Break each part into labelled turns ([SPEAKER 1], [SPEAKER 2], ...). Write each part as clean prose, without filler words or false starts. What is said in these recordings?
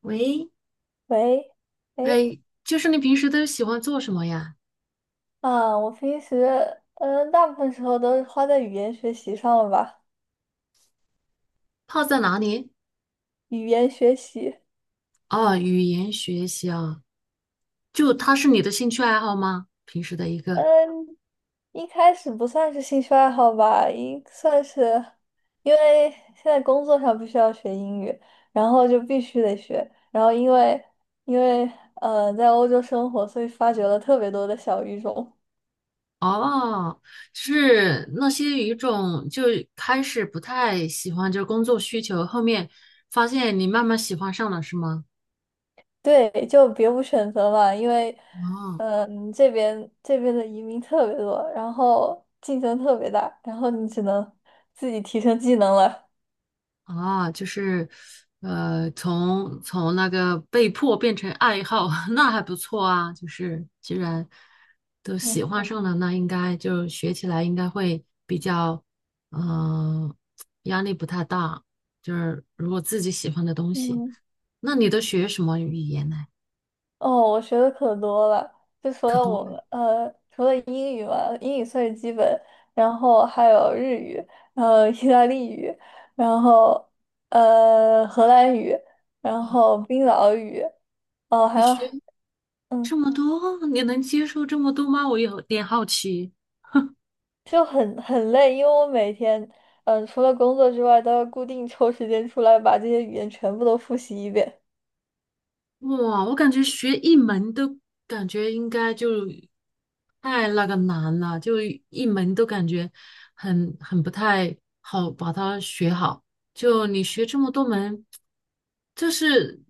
[SPEAKER 1] 喂，
[SPEAKER 2] 喂，哎，
[SPEAKER 1] 哎，就是你平时都喜欢做什么呀？
[SPEAKER 2] 啊，我平时，大部分时候都是花在语言学习上了吧？
[SPEAKER 1] 泡在哪里？
[SPEAKER 2] 语言学习。
[SPEAKER 1] 哦，语言学习啊，就它是你的兴趣爱好吗？平时的一个。
[SPEAKER 2] 嗯，一开始不算是兴趣爱好吧，应算是，因为现在工作上必须要学英语，然后就必须得学，然后因为在欧洲生活，所以发掘了特别多的小语种。
[SPEAKER 1] 哦，是那些语种就开始不太喜欢，就是工作需求，后面发现你慢慢喜欢上了，是吗？
[SPEAKER 2] 对，就别无选择嘛，因为，
[SPEAKER 1] 哦。
[SPEAKER 2] 这边的移民特别多，然后竞争特别大，然后你只能自己提升技能了。
[SPEAKER 1] 啊，就是，从那个被迫变成爱好，那还不错啊。就是既然都喜
[SPEAKER 2] 嗯
[SPEAKER 1] 欢上了，那应该就学起来应该会比较，嗯、压力不太大。就是如果自己喜欢的东西，
[SPEAKER 2] 嗯。
[SPEAKER 1] 那你都学什么语言呢？
[SPEAKER 2] 哦，我学的可多了，就除
[SPEAKER 1] 可
[SPEAKER 2] 了
[SPEAKER 1] 多
[SPEAKER 2] 我
[SPEAKER 1] 了，
[SPEAKER 2] 们，除了英语嘛，英语算是基本，然后还有日语，意大利语，然后荷兰语，然后冰岛语，哦，还
[SPEAKER 1] 你
[SPEAKER 2] 有，
[SPEAKER 1] 学
[SPEAKER 2] 嗯。
[SPEAKER 1] 这么多，你能接受这么多吗？我有点好奇。
[SPEAKER 2] 就很累，因为我每天，除了工作之外，都要固定抽时间出来把这些语言全部都复习一遍，
[SPEAKER 1] 哇，我感觉学一门都感觉应该就太那个难了，就一门都感觉很不太好把它学好。就你学这么多门，这是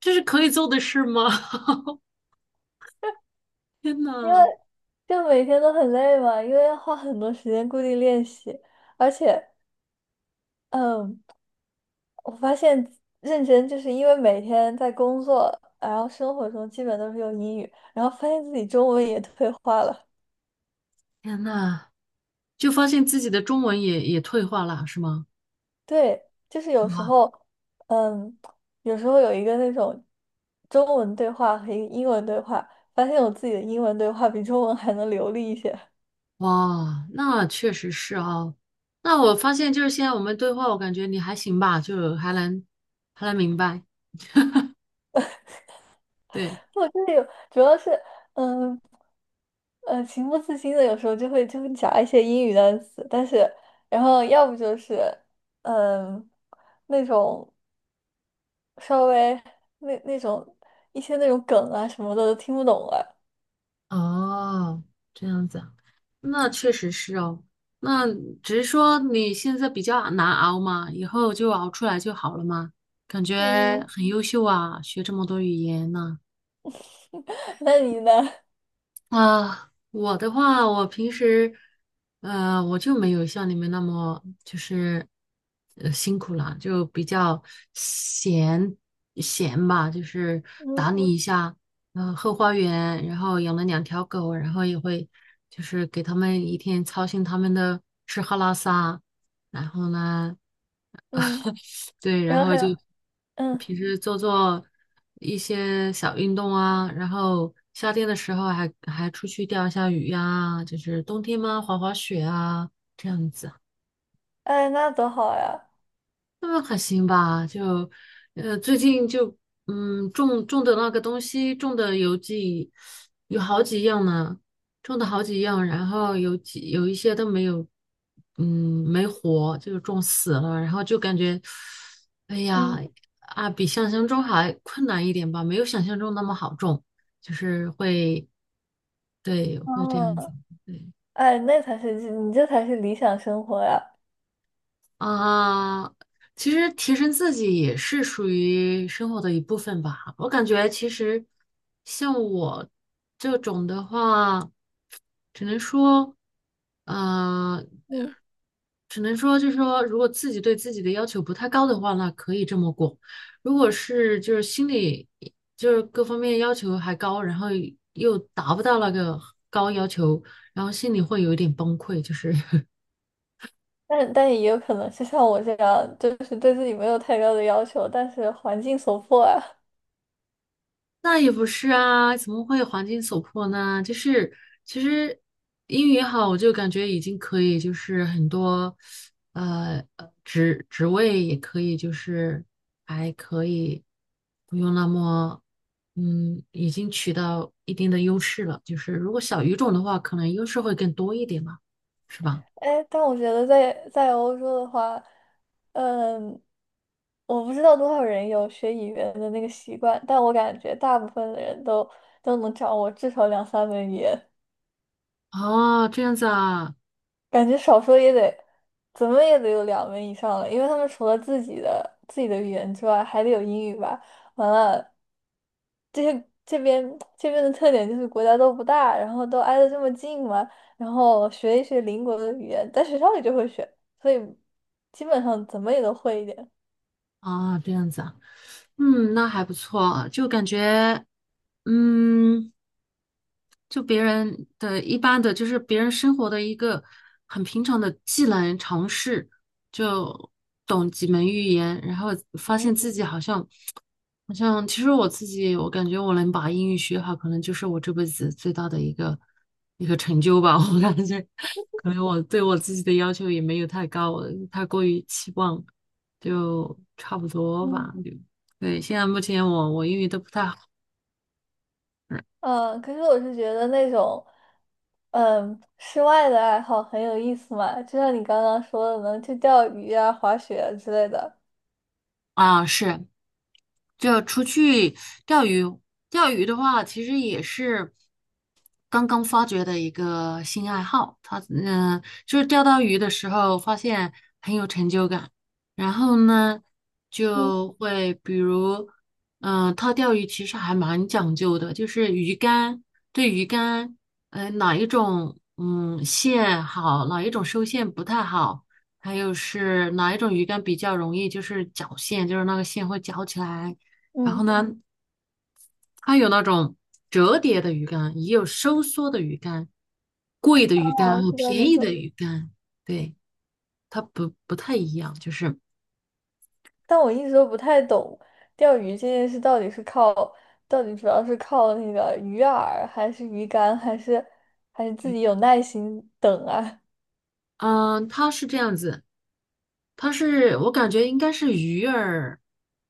[SPEAKER 1] 这是可以做的事吗？天
[SPEAKER 2] 因为
[SPEAKER 1] 呐，
[SPEAKER 2] 就每天都很累嘛，因为要花很多时间固定练习，而且，嗯，我发现认真就是因为每天在工作，然后生活中基本都是用英语，然后发现自己中文也退化了。
[SPEAKER 1] 天呐，就发现自己的中文也退化了，是吗？
[SPEAKER 2] 对，就是
[SPEAKER 1] 哇，
[SPEAKER 2] 嗯，有时候有一个那种中文对话和一个英文对话，发现我自己的英文对话比中文还能流利一些。
[SPEAKER 1] 哇，那确实是哦。那我发现就是现在我们对话，我感觉你还行吧，就还能明白。对，
[SPEAKER 2] 我就是有，主要是，嗯，情不自禁的，有时候就会夹一些英语单词，但是，然后要不就是，嗯，那种稍微那种一些那种梗啊什么的都听不懂了。
[SPEAKER 1] 哦，这样子啊，那确实是哦。那只是说你现在比较难熬嘛，以后就熬出来就好了嘛。感觉
[SPEAKER 2] 嗯，
[SPEAKER 1] 很优秀啊，学这么多语言呢、
[SPEAKER 2] 那你呢？
[SPEAKER 1] 啊，我的话，我平时，我就没有像你们那么就是，辛苦了，就比较闲闲吧，就是打
[SPEAKER 2] 嗯
[SPEAKER 1] 理一下，后花园，然后养了两条狗，然后也会就是给他们一天操心他们的吃喝拉撒，然后呢。
[SPEAKER 2] 嗯。
[SPEAKER 1] 对，然
[SPEAKER 2] 然后还
[SPEAKER 1] 后就
[SPEAKER 2] 有，嗯，
[SPEAKER 1] 平时做做一些小运动啊，然后夏天的时候还出去钓一下鱼呀、就是冬天嘛滑滑雪啊这样子。
[SPEAKER 2] 哎，那多好呀，
[SPEAKER 1] 那还行吧，就，最近就，种的那个东西，种的有几，有好几样呢，种的好几样，然后有几有一些都没有，嗯，没活，就是种死了，然后就感觉，哎呀，
[SPEAKER 2] 嗯，
[SPEAKER 1] 啊，比想象中还困难一点吧，没有想象中那么好种，就是会，对，会这样子，
[SPEAKER 2] 哦，
[SPEAKER 1] 对。
[SPEAKER 2] 哎，那才是你这才是理想生活呀，
[SPEAKER 1] 啊，其实提升自己也是属于生活的一部分吧。我感觉其实像我这种的话，只能说，呃，
[SPEAKER 2] 嗯，
[SPEAKER 1] 只能说就是说，如果自己对自己的要求不太高的话，那可以这么过。如果是就是心里就是各方面要求还高，然后又达不到那个高要求，然后心里会有一点崩溃，就是
[SPEAKER 2] 但也有可能是像我这样，就是对自己没有太高的要求，但是环境所迫啊，
[SPEAKER 1] 那也不是啊，怎么会环境所迫呢？就是其实英语好，我就感觉已经可以，就是很多职位也可以，就是还可以不用那么已经取到一定的优势了。就是如果小语种的话，可能优势会更多一点吧，是吧？
[SPEAKER 2] 哎，但我觉得在欧洲的话，嗯，我不知道多少人有学语言的那个习惯，但我感觉大部分的人都能掌握至少两三门语言。
[SPEAKER 1] 哦，这样子啊，
[SPEAKER 2] 感觉少说也得，怎么也得有两门以上了，因为他们除了自己的语言之外，还得有英语吧。完了，这些这边的特点就是国家都不大，然后都挨得这么近嘛，然后学一学邻国的语言，在学校里就会学，所以基本上怎么也都会一点。
[SPEAKER 1] 啊，这样子啊，那还不错，就感觉嗯。就别人的一般的，就是别人生活的一个很平常的技能尝试，就懂几门语言，然后发
[SPEAKER 2] 嗯
[SPEAKER 1] 现自己好像其实我自己，我感觉我能把英语学好，可能就是我这辈子最大的一个成就吧。我感觉，可能我对我自己的要求也没有太高，我太过于期望，就差不多吧。
[SPEAKER 2] 嗯
[SPEAKER 1] 就对，现在目前我英语都不太好
[SPEAKER 2] 嗯。可是我是觉得那种室外的爱好很有意思嘛，就像你刚刚说的能去钓鱼啊、滑雪啊之类的。
[SPEAKER 1] 啊，是。就出去钓鱼，钓鱼的话，其实也是，刚刚发掘的一个新爱好，他就是钓到鱼的时候发现很有成就感，然后呢
[SPEAKER 2] 嗯。
[SPEAKER 1] 就会比如，他钓鱼其实还蛮讲究的，就是鱼竿对鱼竿，哪一种线好，哪一种收线不太好，还有是哪一种鱼竿比较容易就是绞线，就是那个线会绞起来，然
[SPEAKER 2] 嗯。
[SPEAKER 1] 后呢它有那种折叠的鱼竿，也有收缩的鱼竿，贵的鱼竿
[SPEAKER 2] 我
[SPEAKER 1] 和
[SPEAKER 2] 知道
[SPEAKER 1] 便
[SPEAKER 2] 没
[SPEAKER 1] 宜的
[SPEAKER 2] 错，
[SPEAKER 1] 鱼竿，对，它不太一样，就是，
[SPEAKER 2] 但我一直都不太懂钓鱼这件事到底是靠，到底主要是靠那个鱼饵，还是鱼竿，还是自己有耐心等啊？
[SPEAKER 1] 嗯，它是这样子，它是我感觉应该是鱼儿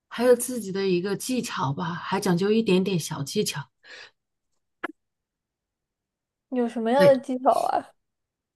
[SPEAKER 1] 还有自己的一个技巧吧，还讲究一点点小技巧，
[SPEAKER 2] 有什么样
[SPEAKER 1] 对。
[SPEAKER 2] 的技巧啊？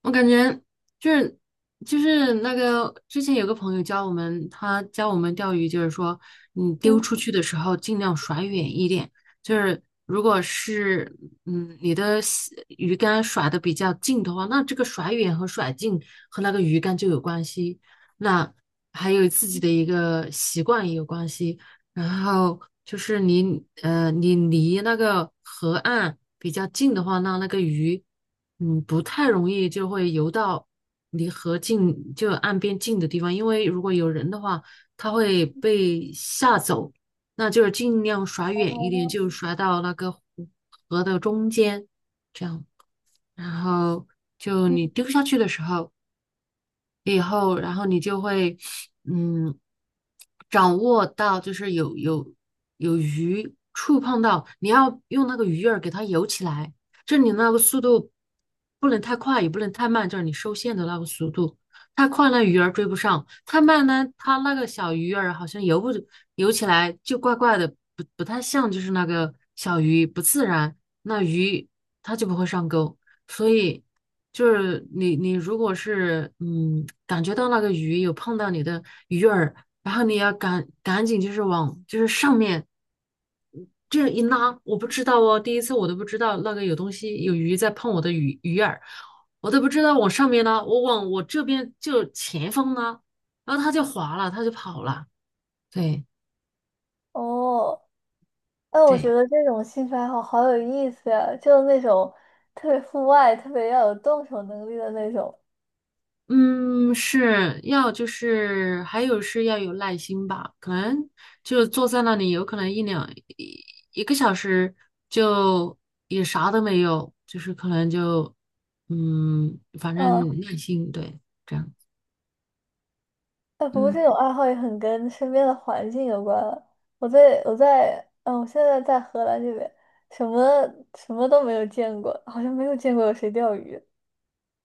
[SPEAKER 1] 我感觉就是就是那个之前有个朋友教我们，他教我们钓鱼，就是说你丢
[SPEAKER 2] 嗯，
[SPEAKER 1] 出去的时候尽量甩远一点，就是如果是你的西鱼竿甩的比较近的话，那这个甩远和甩近和那个鱼竿就有关系，那还有自己的一个习惯也有关系，然后就是你离那个河岸比较近的话，那个鱼。不太容易就会游到离河近，就岸边近的地方，因为如果有人的话，他会被吓走。那就是尽量甩远一点，
[SPEAKER 2] 哦
[SPEAKER 1] 就甩到那个湖河的中间，这样。然后就你
[SPEAKER 2] 嗯，
[SPEAKER 1] 丢下去的时候，以后，然后你就会，嗯，掌握到就是有鱼触碰到，你要用那个鱼饵给它游起来，就是你那个速度不能太快，也不能太慢，就是你收线的那个速度。太快了，鱼儿追不上；太慢呢，它那个小鱼儿好像游不游起来就怪怪的，不太像就是那个小鱼，不自然。那鱼它就不会上钩，所以。就是你如果是感觉到那个鱼有碰到你的鱼饵，然后你要赶紧就是往就是上面这样一拉，我不知道哦，第一次我都不知道那个有东西有鱼在碰我的鱼饵，我都不知道往上面拉，我往我这边就前方拉，然后它就滑了，它就跑了，对，
[SPEAKER 2] 哦，哎，我
[SPEAKER 1] 对。
[SPEAKER 2] 觉得这种兴趣爱好好有意思呀，就是那种特别户外、特别要有动手能力的那种。
[SPEAKER 1] 嗯，是要就是还有是要有耐心吧，可能就坐在那里，有可能一两一一个小时就也啥都没有，就是可能就反
[SPEAKER 2] 嗯。
[SPEAKER 1] 正耐心对这样，
[SPEAKER 2] 哎，不过这
[SPEAKER 1] 嗯
[SPEAKER 2] 种爱好也很跟身边的环境有关了。我现在在荷兰这边，什么什么都没有见过，好像没有见过有谁钓鱼。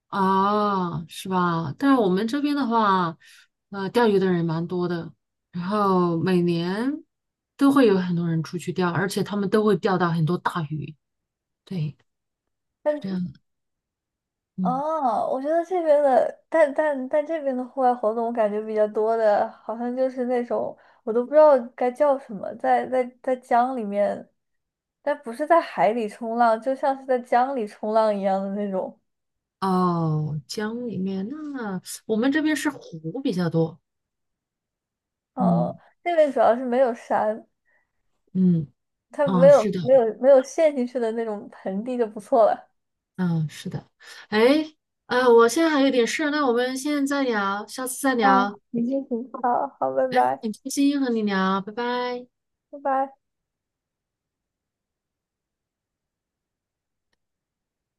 [SPEAKER 1] 是吧？但是我们这边的话，钓鱼的人蛮多的，然后每年都会有很多人出去钓，而且他们都会钓到很多大鱼，对，是
[SPEAKER 2] 但
[SPEAKER 1] 这样，嗯。
[SPEAKER 2] 哦，我觉得这边的，但这边的户外活动，我感觉比较多的，好像就是那种我都不知道该叫什么，在江里面，但不是在海里冲浪，就像是在江里冲浪一样的那种。
[SPEAKER 1] 哦，江里面那我们这边是湖比较多，
[SPEAKER 2] 哦，
[SPEAKER 1] 嗯，
[SPEAKER 2] 那边主要是没有山，
[SPEAKER 1] 嗯，
[SPEAKER 2] 他没
[SPEAKER 1] 哦，是
[SPEAKER 2] 有
[SPEAKER 1] 的，
[SPEAKER 2] 没有没有陷进去的那种盆地就不错了。
[SPEAKER 1] 嗯，是的，哎，我现在还有点事，那我们现在再聊，下次再
[SPEAKER 2] 嗯，
[SPEAKER 1] 聊，
[SPEAKER 2] 已经很好好，拜拜，
[SPEAKER 1] 很开心和你聊，拜拜。
[SPEAKER 2] 拜拜。